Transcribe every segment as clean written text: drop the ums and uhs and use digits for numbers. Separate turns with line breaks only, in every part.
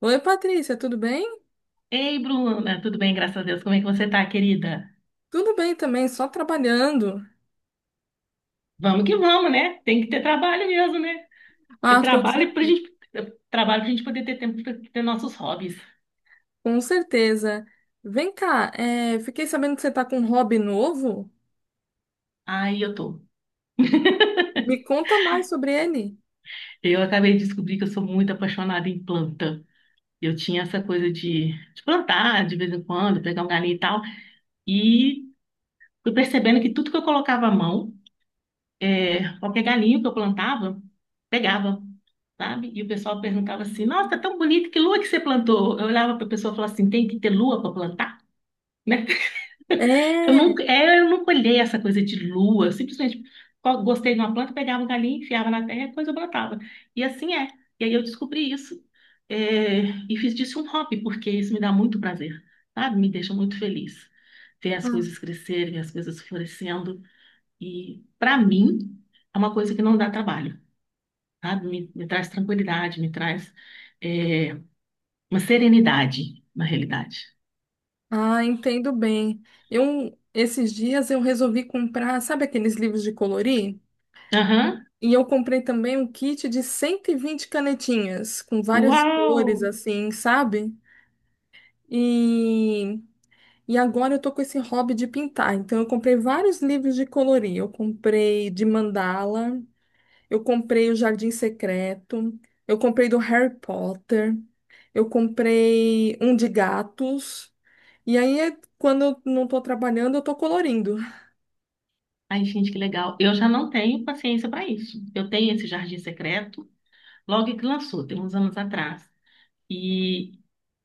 Oi, Patrícia, tudo bem?
Ei, Bruna, tudo bem, graças a Deus. Como é que você tá, querida?
Tudo bem também, só trabalhando.
Vamos que vamos, né? Tem que ter trabalho mesmo, né? É
Ah, com, cer-
trabalho pra gente, trabalho pra gente poder ter tempo pra ter nossos hobbies.
com certeza. Vem cá, fiquei sabendo que você está com um hobby novo.
Aí eu tô.
Me conta mais sobre ele.
Eu acabei de descobrir que eu sou muito apaixonada em planta. Eu tinha essa coisa de plantar de vez em quando, pegar um galinho e tal. E fui percebendo que tudo que eu colocava à mão, qualquer galinho que eu plantava, pegava. Sabe? E o pessoal perguntava assim: Nossa, tão bonito, que lua que você plantou? Eu olhava para a pessoa e falava assim: Tem que ter lua para plantar, né?
É.
Eu nunca olhei essa coisa de lua, eu simplesmente gostei de uma planta, pegava um galinho, enfiava na terra e depois eu plantava. E assim é. E aí eu descobri isso, é, e fiz disso um hobby, porque isso me dá muito prazer, sabe? Me deixa muito feliz. Ver as
Ah,
coisas crescerem, as coisas florescendo. E, para mim, é uma coisa que não dá trabalho, sabe? Me traz tranquilidade, me traz. é, uma serenidade, na realidade.
ah, entendo bem. Eu, esses dias eu resolvi comprar, sabe aqueles livros de colorir?
Aham.
E eu comprei também um kit de 120 canetinhas, com várias
Uau!
cores, assim, sabe? E E agora eu tô com esse hobby de pintar. Então eu comprei vários livros de colorir. Eu comprei de mandala, eu comprei o Jardim Secreto, eu comprei do Harry Potter, eu comprei um de gatos. E aí, quando eu não tô trabalhando, eu tô colorindo.
Ai, gente, que legal. Eu já não tenho paciência para isso. Eu tenho esse Jardim Secreto, logo que lançou, tem uns anos atrás. E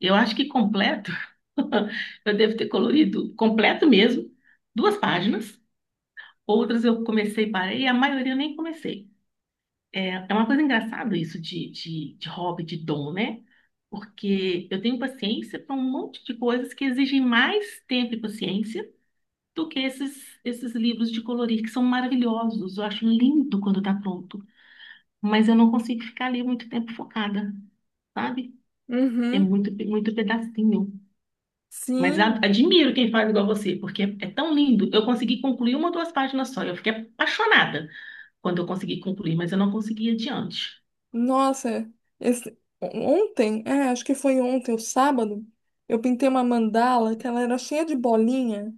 eu acho que completo, eu devo ter colorido completo mesmo, duas páginas. Outras eu comecei e parei, a maioria eu nem comecei. É, é uma coisa engraçada isso de hobby, de dom, né? Porque eu tenho paciência para um monte de coisas que exigem mais tempo e paciência do que esses livros de colorir, que são maravilhosos. Eu acho lindo quando está pronto, mas eu não consigo ficar ali muito tempo focada, sabe?
Uhum.
É muito pedacinho. Mas
Sim.
admiro quem faz igual você, porque é tão lindo. Eu consegui concluir uma ou duas páginas só. Eu fiquei apaixonada quando eu consegui concluir, mas eu não consegui ir adiante.
Nossa, ontem, acho que foi ontem, o sábado, eu pintei uma mandala que ela era cheia de bolinha.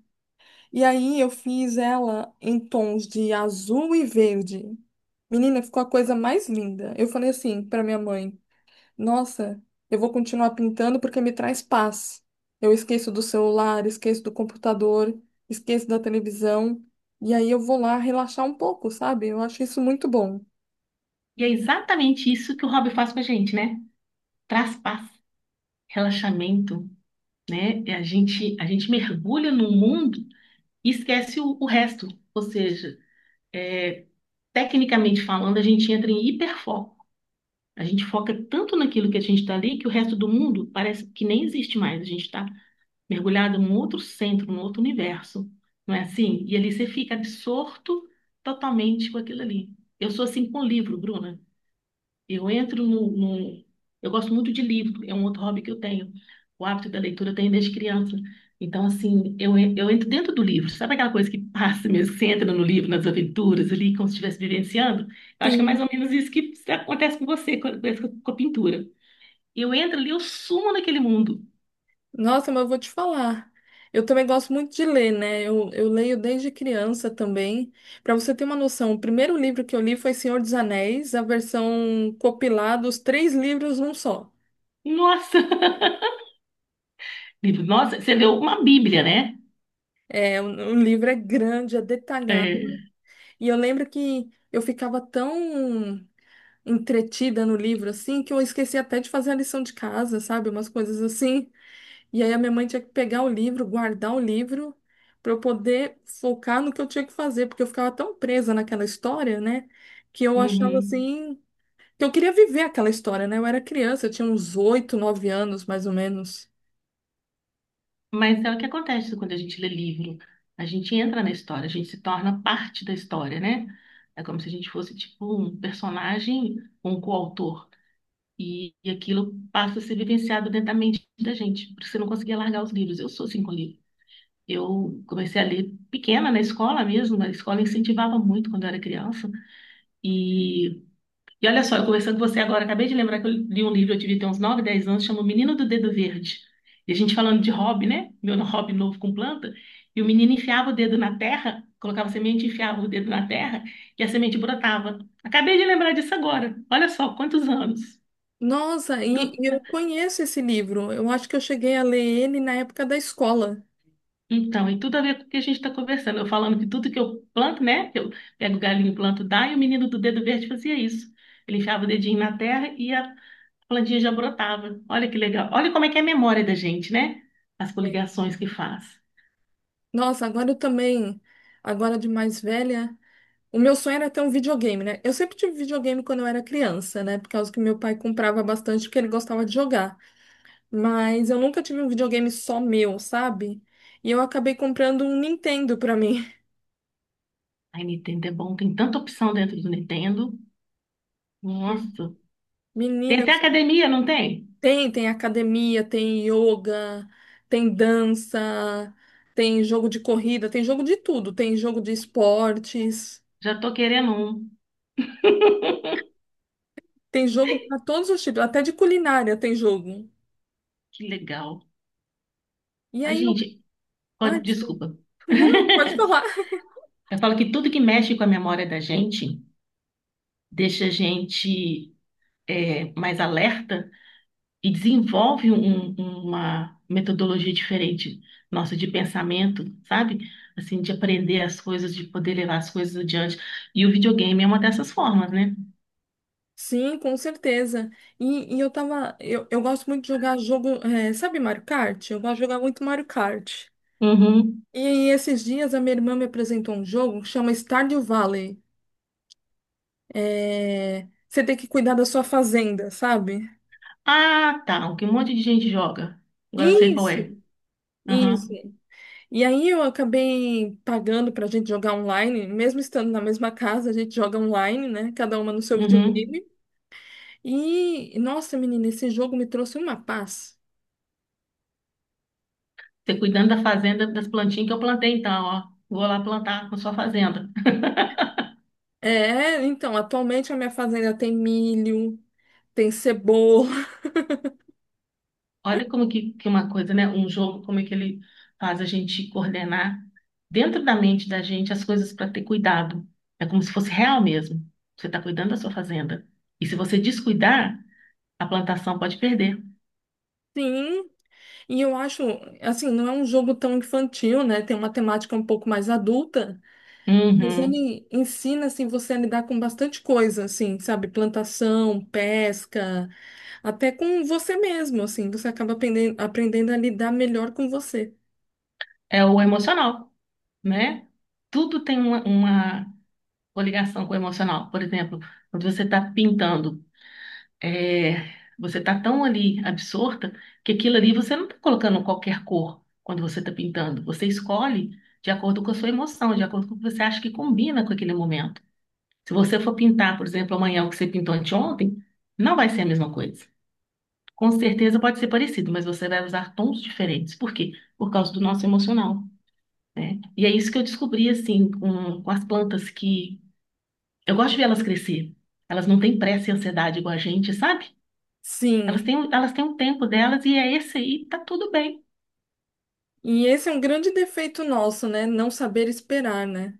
E aí eu fiz ela em tons de azul e verde. Menina, ficou a coisa mais linda. Eu falei assim para minha mãe: Nossa, eu vou continuar pintando porque me traz paz. Eu esqueço do celular, esqueço do computador, esqueço da televisão. E aí eu vou lá relaxar um pouco, sabe? Eu acho isso muito bom.
E é exatamente isso que o hobby faz com a gente, né? Traz paz, relaxamento, né? E a gente mergulha no mundo e esquece o resto. Ou seja, é, tecnicamente falando, a gente entra em hiperfoco. A gente foca tanto naquilo que a gente está ali que o resto do mundo parece que nem existe mais. A gente está mergulhado num outro centro, num outro universo. Não é assim? E ali você fica absorto totalmente com aquilo ali. Eu sou assim com o livro, Bruna. Eu entro no, no- Eu gosto muito de livro, é um outro hobby que eu tenho. O hábito da leitura eu tenho desde criança. Então, assim, eu entro dentro do livro. Sabe aquela coisa que passa mesmo, que você entra no livro, nas aventuras ali, como se estivesse vivenciando? Eu acho que é mais ou
Sim.
menos isso que acontece com você, com a pintura. Eu entro ali, eu sumo naquele mundo.
Nossa, mas eu vou te falar. Eu também gosto muito de ler, né? Eu leio desde criança também. Para você ter uma noção, o primeiro livro que eu li foi Senhor dos Anéis, a versão compilada, os três livros num só.
Nossa! Livro, nossa, você leu uma Bíblia, né?
É, o livro é grande, é detalhado.
É.
E eu lembro que eu ficava tão entretida no livro assim que eu esqueci até de fazer a lição de casa, sabe? Umas coisas assim. E aí a minha mãe tinha que pegar o livro, guardar o livro, para eu poder focar no que eu tinha que fazer, porque eu ficava tão presa naquela história, né? Que eu achava
Uhum.
assim, que eu queria viver aquela história, né? Eu era criança, eu tinha uns 8, 9 anos, mais ou menos.
Mas é o que acontece quando a gente lê livro. A gente entra na história, a gente se torna parte da história, né? É como se a gente fosse tipo um personagem, um coautor. E aquilo passa a ser vivenciado dentro da mente da gente, porque você não conseguia largar os livros. Eu sou assim com livro. Eu comecei a ler pequena na escola mesmo, a escola incentivava muito quando eu era criança. E e olha só, eu conversando com você agora, acabei de lembrar que eu li um livro, eu tive até uns 9, 10 anos, chama O Menino do Dedo Verde. E a gente falando de hobby, né? Meu hobby novo com planta. E o menino enfiava o dedo na terra, colocava semente, enfiava o dedo na terra e a semente brotava. Acabei de lembrar disso agora. Olha só, quantos anos.
Nossa, e
Tu-
eu conheço esse livro. Eu acho que eu cheguei a ler ele na época da escola.
Então, e tudo a ver com o que a gente está conversando. Eu falando que tudo que eu planto, né? Eu pego o galinho, planto, dá, e o menino do dedo verde fazia isso. Ele enfiava o dedinho na terra a plantinha já brotava. Olha que legal. Olha como é que é a memória da gente, né? As
É.
coligações que faz.
Nossa, agora eu também, agora de mais velha. O meu sonho era ter um videogame, né? Eu sempre tive videogame quando eu era criança, né? Por causa que meu pai comprava bastante porque ele gostava de jogar. Mas eu nunca tive um videogame só meu, sabe? E eu acabei comprando um Nintendo pra mim.
Ai, Nintendo é bom, tem tanta opção dentro do Nintendo. Nossa. Tem
Menina, eu
até
sou-
academia, não tem?
Tem, tem academia, tem yoga, tem dança, tem jogo de corrida, tem jogo de tudo, tem jogo de esportes,
Já tô querendo um.
tem jogo pra todos os tipos, até de culinária tem jogo.
Que legal.
E
Ai,
aí eu.
gente,
Ah,
pode,
desculpa.
desculpa.
Não, pode falar.
Eu falo que tudo que mexe com a memória da gente deixa a gente mais alerta e desenvolve uma metodologia diferente nossa de pensamento, sabe? Assim, de aprender as coisas, de poder levar as coisas adiante. E o videogame é uma dessas formas, né?
Sim, com certeza. E eu tava. Eu gosto muito de jogar jogo. Sabe Mario Kart? Eu gosto de jogar muito Mario Kart.
Uhum.
E aí, esses dias, a minha irmã me apresentou um jogo que chama Stardew Valley. É, você tem que cuidar da sua fazenda, sabe?
Ah, tá. O que um monte de gente joga. Agora eu sei qual
Isso,
é.
isso.
Aham.
E aí, eu acabei pagando pra gente jogar online, mesmo estando na mesma casa, a gente joga online, né? Cada uma no seu
Uhum.
videogame. E, nossa, menina, esse jogo me trouxe uma paz.
Você cuidando da fazenda, das plantinhas que eu plantei, então, ó. Vou lá plantar na sua fazenda.
É, então, atualmente a minha fazenda tem milho, tem cebola,
Olha como que uma coisa, né? Um jogo, como é que ele faz a gente coordenar dentro da mente da gente as coisas para ter cuidado. É como se fosse real mesmo. Você está cuidando da sua fazenda. E se você descuidar, a plantação pode perder.
sim. E eu acho, assim, não é um jogo tão infantil, né? Tem uma temática um pouco mais adulta, mas
Uhum.
ele ensina, assim, você a lidar com bastante coisa, assim, sabe? Plantação, pesca, até com você mesmo, assim. Você acaba aprendendo, aprendendo a lidar melhor com você.
É o emocional, né? Tudo tem uma coligação com o emocional. Por exemplo, quando você está pintando, é, você está tão ali absorta que aquilo ali você não está colocando qualquer cor quando você está pintando. Você escolhe de acordo com a sua emoção, de acordo com o que você acha que combina com aquele momento. Se você for pintar, por exemplo, amanhã o que você pintou anteontem, não vai ser a mesma coisa. Com certeza pode ser parecido, mas você vai usar tons diferentes. Por quê? Por causa do nosso emocional. E é isso que eu descobri, assim, com as plantas que... Eu gosto de ver elas crescer. Elas não têm pressa e ansiedade igual a gente, sabe? Elas
Sim.
têm, elas têm um tempo delas e é esse aí, tá tudo bem.
E esse é um grande defeito nosso, né? Não saber esperar, né?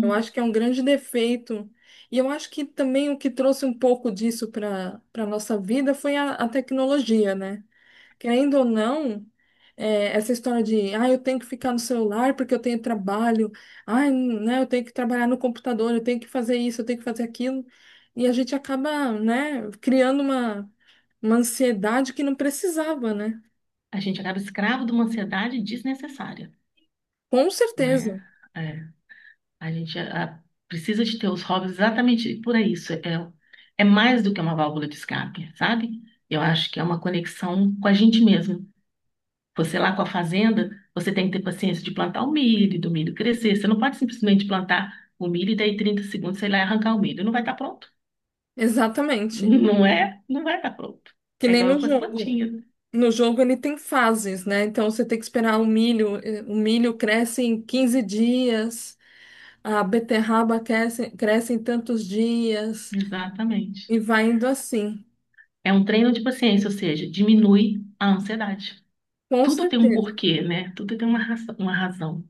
Eu acho que é um grande defeito. E eu acho que também o que trouxe um pouco disso para para nossa vida foi a tecnologia, né? Querendo ou não, é, essa história de, ah, eu tenho que ficar no celular porque eu tenho trabalho, ah, né, eu tenho que trabalhar no computador, eu tenho que fazer isso, eu tenho que fazer aquilo. E a gente acaba, né, criando uma ansiedade que não precisava, né?
A gente acaba escravo de uma ansiedade desnecessária,
Com
não
certeza,
é? É, a gente precisa de ter os hobbies exatamente por isso. É, é mais do que uma válvula de escape, sabe? Eu acho que é uma conexão com a gente mesmo. Você lá com a fazenda, você tem que ter paciência de plantar o milho, do milho crescer. Você não pode simplesmente plantar o milho e daí 30 segundos, sei lá, e arrancar o milho. Não vai estar pronto.
exatamente.
Não é? Não vai estar pronto.
Que
É
nem
igual
no
eu com as
jogo.
plantinhas.
No jogo ele tem fases, né? Então você tem que esperar o milho. O milho cresce em 15 dias, a beterraba cresce em tantos dias,
Exatamente.
e vai indo assim.
É um treino de paciência, ou seja, diminui a ansiedade.
Com
Tudo tem um
certeza,
porquê, né? Tudo tem uma uma razão.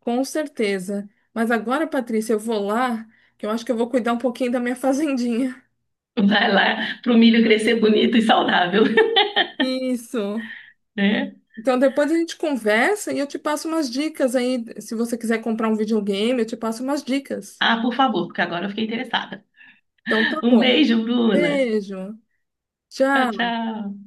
com certeza. Mas agora, Patrícia, eu vou lá, que eu acho que eu vou cuidar um pouquinho da minha fazendinha.
Vai lá pro milho crescer bonito e saudável,
Isso.
né?
Então depois a gente conversa e eu te passo umas dicas aí. Se você quiser comprar um videogame, eu te passo umas dicas.
Ah, por favor, porque agora eu fiquei interessada.
Então tá
Um
bom.
beijo, Bruna.
Beijo.
Tchau,
Tchau.
tchau.